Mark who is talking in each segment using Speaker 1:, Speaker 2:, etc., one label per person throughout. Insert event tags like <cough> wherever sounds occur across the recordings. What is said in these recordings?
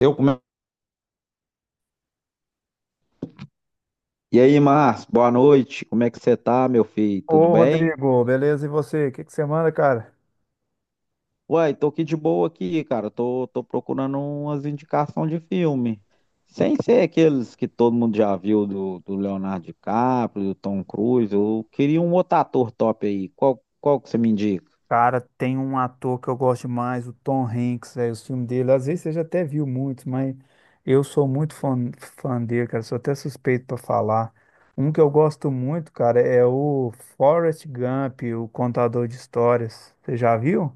Speaker 1: Eu come- E aí, Márcio, boa noite. Como é que você tá, meu filho? Tudo
Speaker 2: Ô,
Speaker 1: bem?
Speaker 2: Rodrigo, beleza? E você? O que que você manda, cara?
Speaker 1: Uai, tô aqui de boa aqui, cara. Tô procurando umas indicações de filme. Sem ser aqueles que todo mundo já viu do Leonardo DiCaprio, do Tom Cruise. Eu queria um outro ator top aí. Qual que você me indica?
Speaker 2: Cara, tem um ator que eu gosto demais, o Tom Hanks, velho, os filmes dele. Às vezes você já até viu muitos, mas eu sou muito fã, fã dele, cara. Sou até suspeito pra falar. Um que eu gosto muito, cara, é o Forrest Gump, o contador de histórias. Você já viu?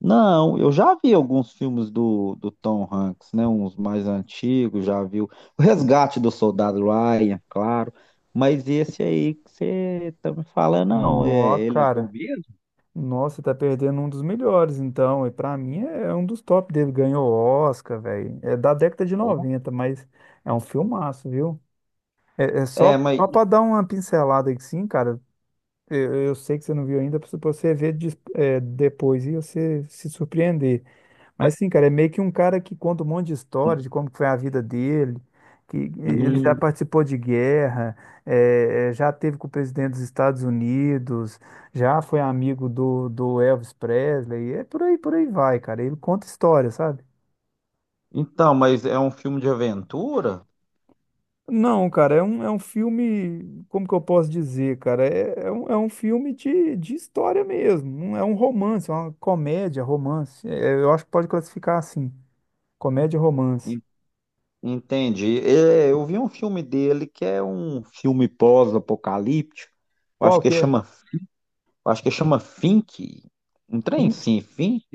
Speaker 1: Não, eu já vi alguns filmes do Tom Hanks, né? Uns mais antigos, já vi o <laughs> o Resgate do Soldado Ryan, claro. Mas esse aí que você tá me falando, não,
Speaker 2: Nó,
Speaker 1: ele é bom
Speaker 2: cara.
Speaker 1: mesmo?
Speaker 2: Nossa, tá perdendo um dos melhores, então. E pra mim é um dos top dele. Ganhou Oscar, velho. É da década de
Speaker 1: Bom.
Speaker 2: 90, mas é um filmaço, viu? É só,
Speaker 1: É,
Speaker 2: só para dar uma pincelada aqui, sim, cara. Eu sei que você não viu ainda, para você ver depois e você se surpreender. Mas sim, cara, é meio que um cara que conta um monte de história de como que foi a vida dele, que ele já
Speaker 1: hum,
Speaker 2: participou de guerra, já teve com o presidente dos Estados Unidos, já foi amigo do Elvis Presley, é por aí vai, cara. Ele conta história, sabe?
Speaker 1: então, mas é um filme de aventura?
Speaker 2: Não, cara, é um filme, como que eu posso dizer, cara? É um filme de história mesmo, não é um romance, é uma comédia, romance. É, eu acho que pode classificar assim, comédia, romance.
Speaker 1: En- Entendi. É, eu vi um filme dele que é um filme pós-apocalíptico. Eu Acho
Speaker 2: Qual
Speaker 1: que
Speaker 2: que é?
Speaker 1: chama, eu acho que chama Fink. Um trem
Speaker 2: Pink?
Speaker 1: sim, Fink.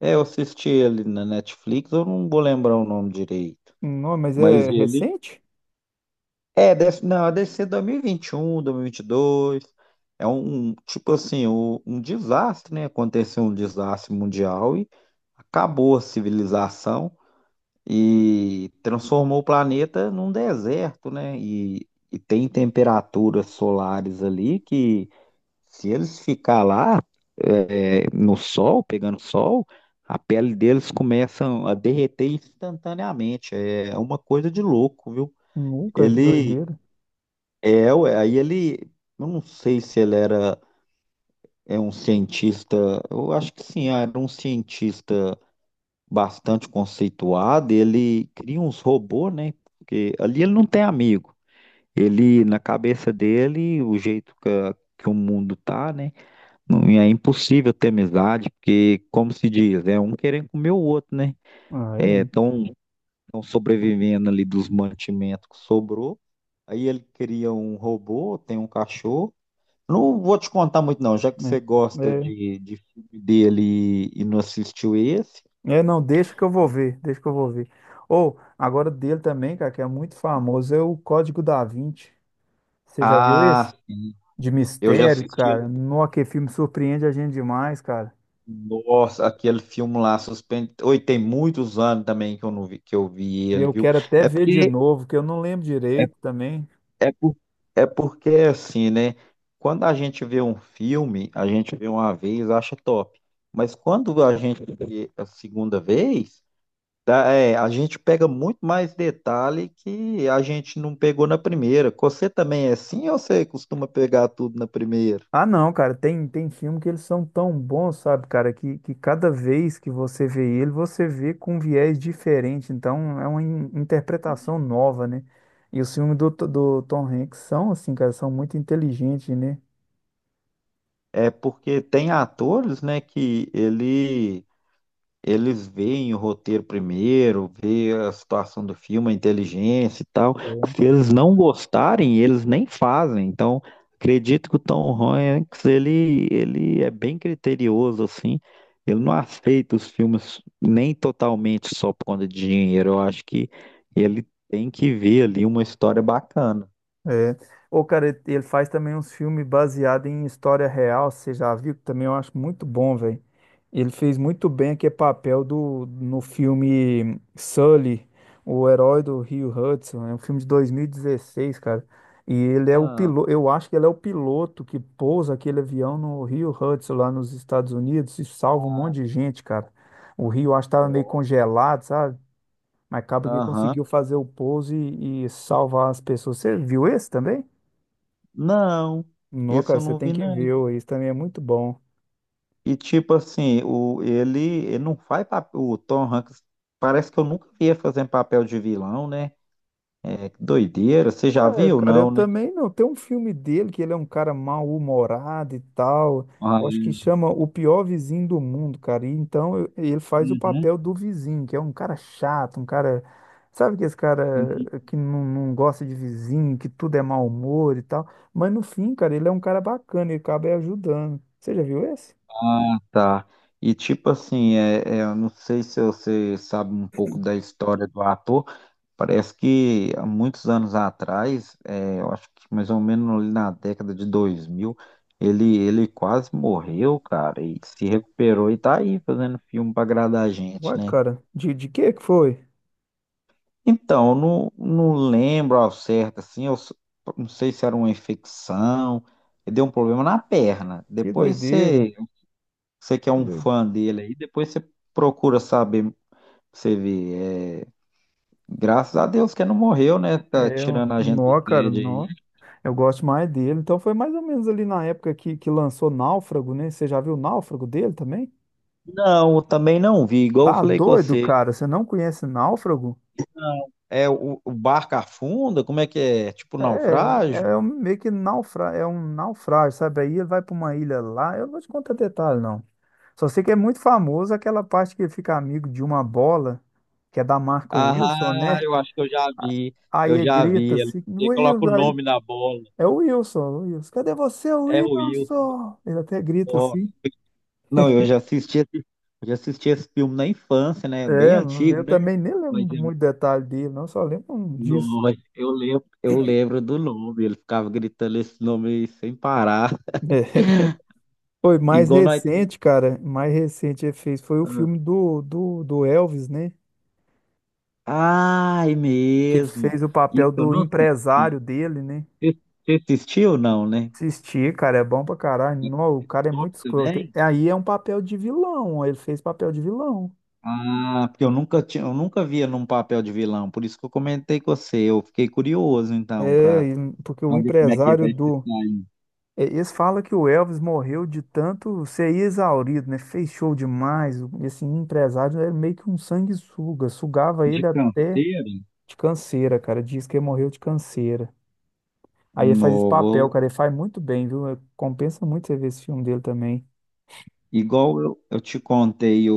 Speaker 1: É, eu assisti ele na Netflix, eu não vou lembrar o nome direito.
Speaker 2: Não, mas
Speaker 1: Mas
Speaker 2: é
Speaker 1: ele.
Speaker 2: recente?
Speaker 1: É, deve, não, deve ser 2021, 2022. É tipo assim, um desastre, né? Aconteceu um desastre mundial e acabou a civilização e transformou o planeta num deserto, né? E tem temperaturas solares ali que se eles ficar lá no sol, pegando sol, a pele deles começa a derreter instantaneamente. É uma coisa de louco, viu?
Speaker 2: Nunca, que
Speaker 1: Ele
Speaker 2: doideira.
Speaker 1: Ué, eu não sei se ele era um cientista, eu acho que sim, era um cientista bastante conceituado. Ele cria uns robôs, né? Porque ali ele não tem amigo. Ele, na cabeça dele, o jeito que, que o mundo tá, né? Não, e é impossível ter amizade, porque, como se diz, é um querendo comer o outro, né?
Speaker 2: Ah,
Speaker 1: É,
Speaker 2: é,
Speaker 1: estão sobrevivendo ali dos mantimentos que sobrou. Aí ele cria um robô, tem um cachorro. Não vou te contar muito, não, já que você
Speaker 2: é,
Speaker 1: gosta
Speaker 2: é.
Speaker 1: de filme dele e não assistiu esse.
Speaker 2: É, não, deixa que eu vou ver, deixa que eu vou ver. Ou, agora dele também, cara, que é muito famoso, é o Código da Vinci. Você já viu esse?
Speaker 1: Ah, sim.
Speaker 2: De
Speaker 1: Eu já
Speaker 2: mistério,
Speaker 1: assisti ele.
Speaker 2: cara. Nossa, que filme surpreende a gente demais, cara.
Speaker 1: Nossa, aquele filme lá, suspense. Oi, tem muitos anos também que eu não vi, que eu vi ele,
Speaker 2: Eu
Speaker 1: viu?
Speaker 2: quero até
Speaker 1: É
Speaker 2: ver de
Speaker 1: porque
Speaker 2: novo, que eu não lembro direito também.
Speaker 1: É, por, é porque assim, né? Quando a gente vê um filme, a gente vê uma vez, acha top. Mas quando a gente vê a segunda vez, tá, a gente pega muito mais detalhe que a gente não pegou na primeira. Você também é assim ou você costuma pegar tudo na primeira?
Speaker 2: Ah, não, cara, tem filme que eles são tão bons, sabe, cara, que cada vez que você vê ele, você vê com um viés diferente. Então, é uma interpretação nova, né? E os filmes do Tom Hanks são, assim, cara, são muito inteligentes, né?
Speaker 1: É porque tem atores, né, que ele eles veem o roteiro primeiro, vê a situação do filme, a inteligência e tal. Se eles não gostarem, eles nem fazem. Então, acredito que o Tom Hanks, ele é bem criterioso, assim. Ele não aceita os filmes nem totalmente só por conta de dinheiro. Eu acho que ele tem que ver ali uma história bacana.
Speaker 2: É. Ô, cara, ele faz também uns filmes baseados em história real, você já viu? Que também eu acho muito bom, velho. Ele fez muito bem aquele papel no filme Sully, o herói do Rio Hudson. É um filme de 2016, cara. E ele é o
Speaker 1: Ah,
Speaker 2: piloto, eu acho que ele é o piloto que pousa aquele avião no Rio Hudson, lá nos Estados Unidos, e salva um monte de gente, cara. O rio, acho que estava meio
Speaker 1: ó,
Speaker 2: congelado, sabe? Mas acaba que
Speaker 1: aham.
Speaker 2: conseguiu fazer o pouso e salvar as pessoas. Você viu esse também?
Speaker 1: Não,
Speaker 2: Não,
Speaker 1: esse
Speaker 2: cara,
Speaker 1: eu
Speaker 2: você
Speaker 1: não
Speaker 2: tem
Speaker 1: vi,
Speaker 2: que
Speaker 1: não.
Speaker 2: ver, ó, isso também é muito bom.
Speaker 1: E tipo assim, ele não faz papel. O Tom Hanks parece que eu nunca vi ele fazendo papel de vilão, né? É, que doideira. Você já
Speaker 2: Ué,
Speaker 1: viu,
Speaker 2: cara, eu
Speaker 1: não,
Speaker 2: Então,
Speaker 1: né?
Speaker 2: também não. Tem um filme dele que ele é um cara mal-humorado e tal.
Speaker 1: Ah,
Speaker 2: Eu acho que chama O Pior Vizinho do Mundo, cara. E então ele faz o
Speaker 1: uhum,
Speaker 2: papel do vizinho, que é um cara chato, um cara. Sabe que esse cara
Speaker 1: uhum.
Speaker 2: que não gosta de vizinho, que tudo é mau humor e tal. Mas no fim, cara, ele é um cara bacana, ele acaba ajudando. Você já viu esse?
Speaker 1: Ah, tá. E tipo assim, eu não sei se você sabe um pouco da história do ator. Parece que há muitos anos atrás, eu acho que mais ou menos ali na década de 2000 ele quase morreu, cara, e se recuperou e tá aí fazendo filme pra agradar a gente,
Speaker 2: Ué,
Speaker 1: né?
Speaker 2: cara, de que foi?
Speaker 1: Então, eu não lembro ao certo, assim, não sei se era uma infecção, ele deu um problema na perna.
Speaker 2: Que
Speaker 1: Depois
Speaker 2: doideira.
Speaker 1: você que é
Speaker 2: Que
Speaker 1: um
Speaker 2: doideira.
Speaker 1: fã dele aí, depois você procura saber, você vê. É, graças a Deus que ele não morreu, né? Tá
Speaker 2: É, ó,
Speaker 1: tirando a gente do
Speaker 2: nó, cara,
Speaker 1: tédio aí.
Speaker 2: nó. Eu gosto mais dele. Então foi mais ou menos ali na época que lançou Náufrago, né? Você já viu o Náufrago dele também?
Speaker 1: Não, eu também não vi, igual eu
Speaker 2: Tá
Speaker 1: falei com
Speaker 2: doido,
Speaker 1: você.
Speaker 2: cara. Você não conhece Náufrago?
Speaker 1: É o barco afunda? Como é que é? É tipo naufrágio?
Speaker 2: Meio que é um naufrágio, sabe? Aí ele vai pra uma ilha lá. Eu não vou te contar detalhe, não. Só sei que é muito famoso aquela parte que ele fica amigo de uma bola, que é da marca Wilson,
Speaker 1: Ah,
Speaker 2: né?
Speaker 1: eu acho que
Speaker 2: A- Aí
Speaker 1: eu
Speaker 2: ele
Speaker 1: já
Speaker 2: grita
Speaker 1: vi. Ele
Speaker 2: assim,
Speaker 1: ele coloca o
Speaker 2: Wilson, aí.
Speaker 1: nome na bola.
Speaker 2: É o Wilson, o Wilson. Cadê você,
Speaker 1: É o
Speaker 2: Wilson? Ele até grita
Speaker 1: Ó,
Speaker 2: assim.
Speaker 1: não, eu já assisti esse filme na infância, né? Bem
Speaker 2: É,
Speaker 1: antigo,
Speaker 2: eu
Speaker 1: né?
Speaker 2: também nem
Speaker 1: Mas
Speaker 2: lembro
Speaker 1: é-
Speaker 2: muito detalhe dele, não, só lembro um disso.
Speaker 1: Nossa, eu lembro do nome. Ele ficava gritando esse nome aí sem parar. <laughs>
Speaker 2: <laughs> É. Foi mais
Speaker 1: Igual nós.
Speaker 2: recente, cara. Mais recente ele fez foi o
Speaker 1: Ah,
Speaker 2: filme do Elvis, né?
Speaker 1: ai,
Speaker 2: Que ele
Speaker 1: mesmo.
Speaker 2: fez o
Speaker 1: E
Speaker 2: papel
Speaker 1: esse eu
Speaker 2: do
Speaker 1: não
Speaker 2: empresário
Speaker 1: assisti.
Speaker 2: dele, né?
Speaker 1: Você você assistiu ou não, né?
Speaker 2: Assistir, cara, é bom pra caralho.
Speaker 1: É
Speaker 2: Não, o cara é
Speaker 1: top
Speaker 2: muito escroto.
Speaker 1: também?
Speaker 2: Aí é um papel de vilão, ele fez papel de vilão.
Speaker 1: Ah, porque eu nunca via num papel de vilão, por isso que eu comentei com você. Eu fiquei curioso, então,
Speaker 2: É,
Speaker 1: para
Speaker 2: porque o
Speaker 1: ver como é que
Speaker 2: empresário
Speaker 1: vai se
Speaker 2: do.
Speaker 1: sair
Speaker 2: É, eles falam que o Elvis morreu de tanto ser exaurido, né? Fez show demais. Esse empresário era meio que um sanguessuga, sugava
Speaker 1: de
Speaker 2: ele até
Speaker 1: canseira.
Speaker 2: de canseira, cara. Diz que ele morreu de canseira. Aí ele faz esse
Speaker 1: Novo.
Speaker 2: papel, cara. Ele faz muito bem, viu? É, compensa muito você ver esse filme dele também.
Speaker 1: Igual eu te contei o,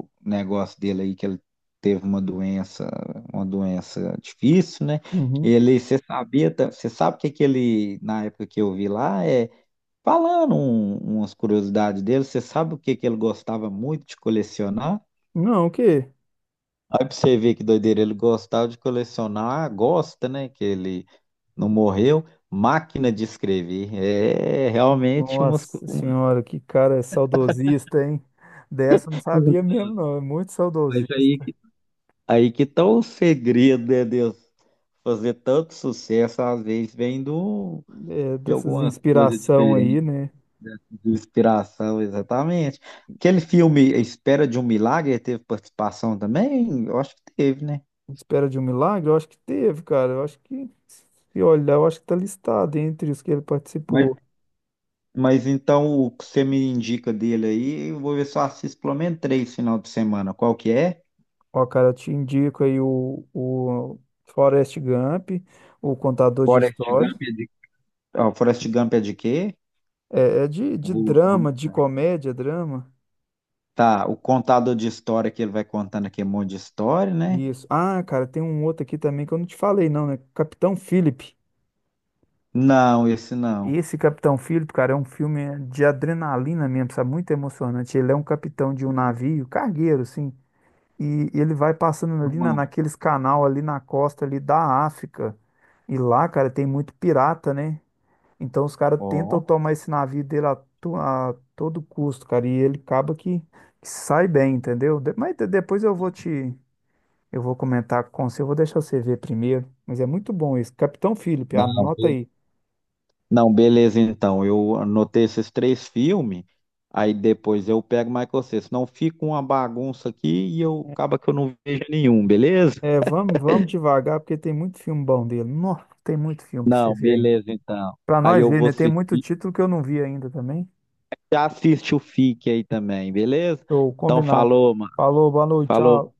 Speaker 1: o negócio dele aí, que ele teve uma doença difícil, né?
Speaker 2: Uhum.
Speaker 1: Ele, você sabia, você sabe o que que ele, na época que eu vi lá, falando umas curiosidades dele, você sabe o que que ele gostava muito de colecionar?
Speaker 2: Não, o quê?
Speaker 1: Aí pra você ver que doideira, ele gostava de colecionar, gosta, né? Que ele não morreu, máquina de escrever. É realmente
Speaker 2: Nossa
Speaker 1: umas
Speaker 2: senhora, que cara saudosista, hein? Dessa eu não sabia mesmo, não. É muito
Speaker 1: coisas aí.
Speaker 2: saudosista.
Speaker 1: Aí que tá o segredo, né, Deus? Fazer tanto sucesso, às vezes, vem do,
Speaker 2: É,
Speaker 1: de
Speaker 2: dessas
Speaker 1: alguma coisa
Speaker 2: inspiração aí,
Speaker 1: diferente,
Speaker 2: né?
Speaker 1: né? De inspiração, exatamente. Aquele filme A Espera de um Milagre teve participação também? Eu acho que teve, né?
Speaker 2: Espera de um milagre? Eu acho que teve, cara. Eu acho que, se olhar, eu acho que tá listado entre os que ele
Speaker 1: Mas,
Speaker 2: participou.
Speaker 1: mas então, o que você me indica dele aí, eu vou ver se eu assisto pelo menos 3 final de semana. Qual que é?
Speaker 2: Ó, cara, eu te indico aí o Forrest Gump, o Contador de
Speaker 1: Forrest
Speaker 2: Histórias.
Speaker 1: Gump é de, Ó, Forrest Gump é de quê?
Speaker 2: É de
Speaker 1: Vou, vou...
Speaker 2: drama, de comédia, drama.
Speaker 1: Tá, o contador de história que ele vai contando aqui, é um monte de história, né?
Speaker 2: Isso. Ah, cara, tem um outro aqui também que eu não te falei, não, né? Capitão Philip.
Speaker 1: Não, esse não.
Speaker 2: Esse Capitão Philip, cara, é um filme de adrenalina mesmo, sabe? Muito emocionante. Ele é um capitão de um navio, cargueiro, assim. E ele vai passando
Speaker 1: No
Speaker 2: ali
Speaker 1: mar.
Speaker 2: naqueles canal ali na costa ali da África. E lá, cara, tem muito pirata, né? Então os caras tentam
Speaker 1: Ó,
Speaker 2: tomar esse navio dele a todo custo, cara, e ele acaba que sai bem, entendeu? Mas depois eu vou comentar com você, eu vou deixar você ver primeiro, mas é muito bom isso Capitão Philip,
Speaker 1: não,
Speaker 2: anota
Speaker 1: be-
Speaker 2: aí.
Speaker 1: não, beleza, então. Eu anotei esses três filmes, aí depois eu pego mais com você. Senão fica uma bagunça aqui e eu acaba que eu não vejo nenhum, beleza?
Speaker 2: É, vamos, vamos devagar, porque tem muito filme bom dele. Nossa, tem muito filme pra você
Speaker 1: Não,
Speaker 2: ver ainda.
Speaker 1: beleza, então.
Speaker 2: Pra
Speaker 1: Aí
Speaker 2: nós
Speaker 1: eu
Speaker 2: ver,
Speaker 1: vou
Speaker 2: né? Tem muito
Speaker 1: assistir.
Speaker 2: título que eu não vi ainda também.
Speaker 1: Já assiste o Fique aí também, beleza?
Speaker 2: Show,
Speaker 1: Então
Speaker 2: combinado.
Speaker 1: falou, mano.
Speaker 2: Falou, boa noite,
Speaker 1: Falou.
Speaker 2: tchau.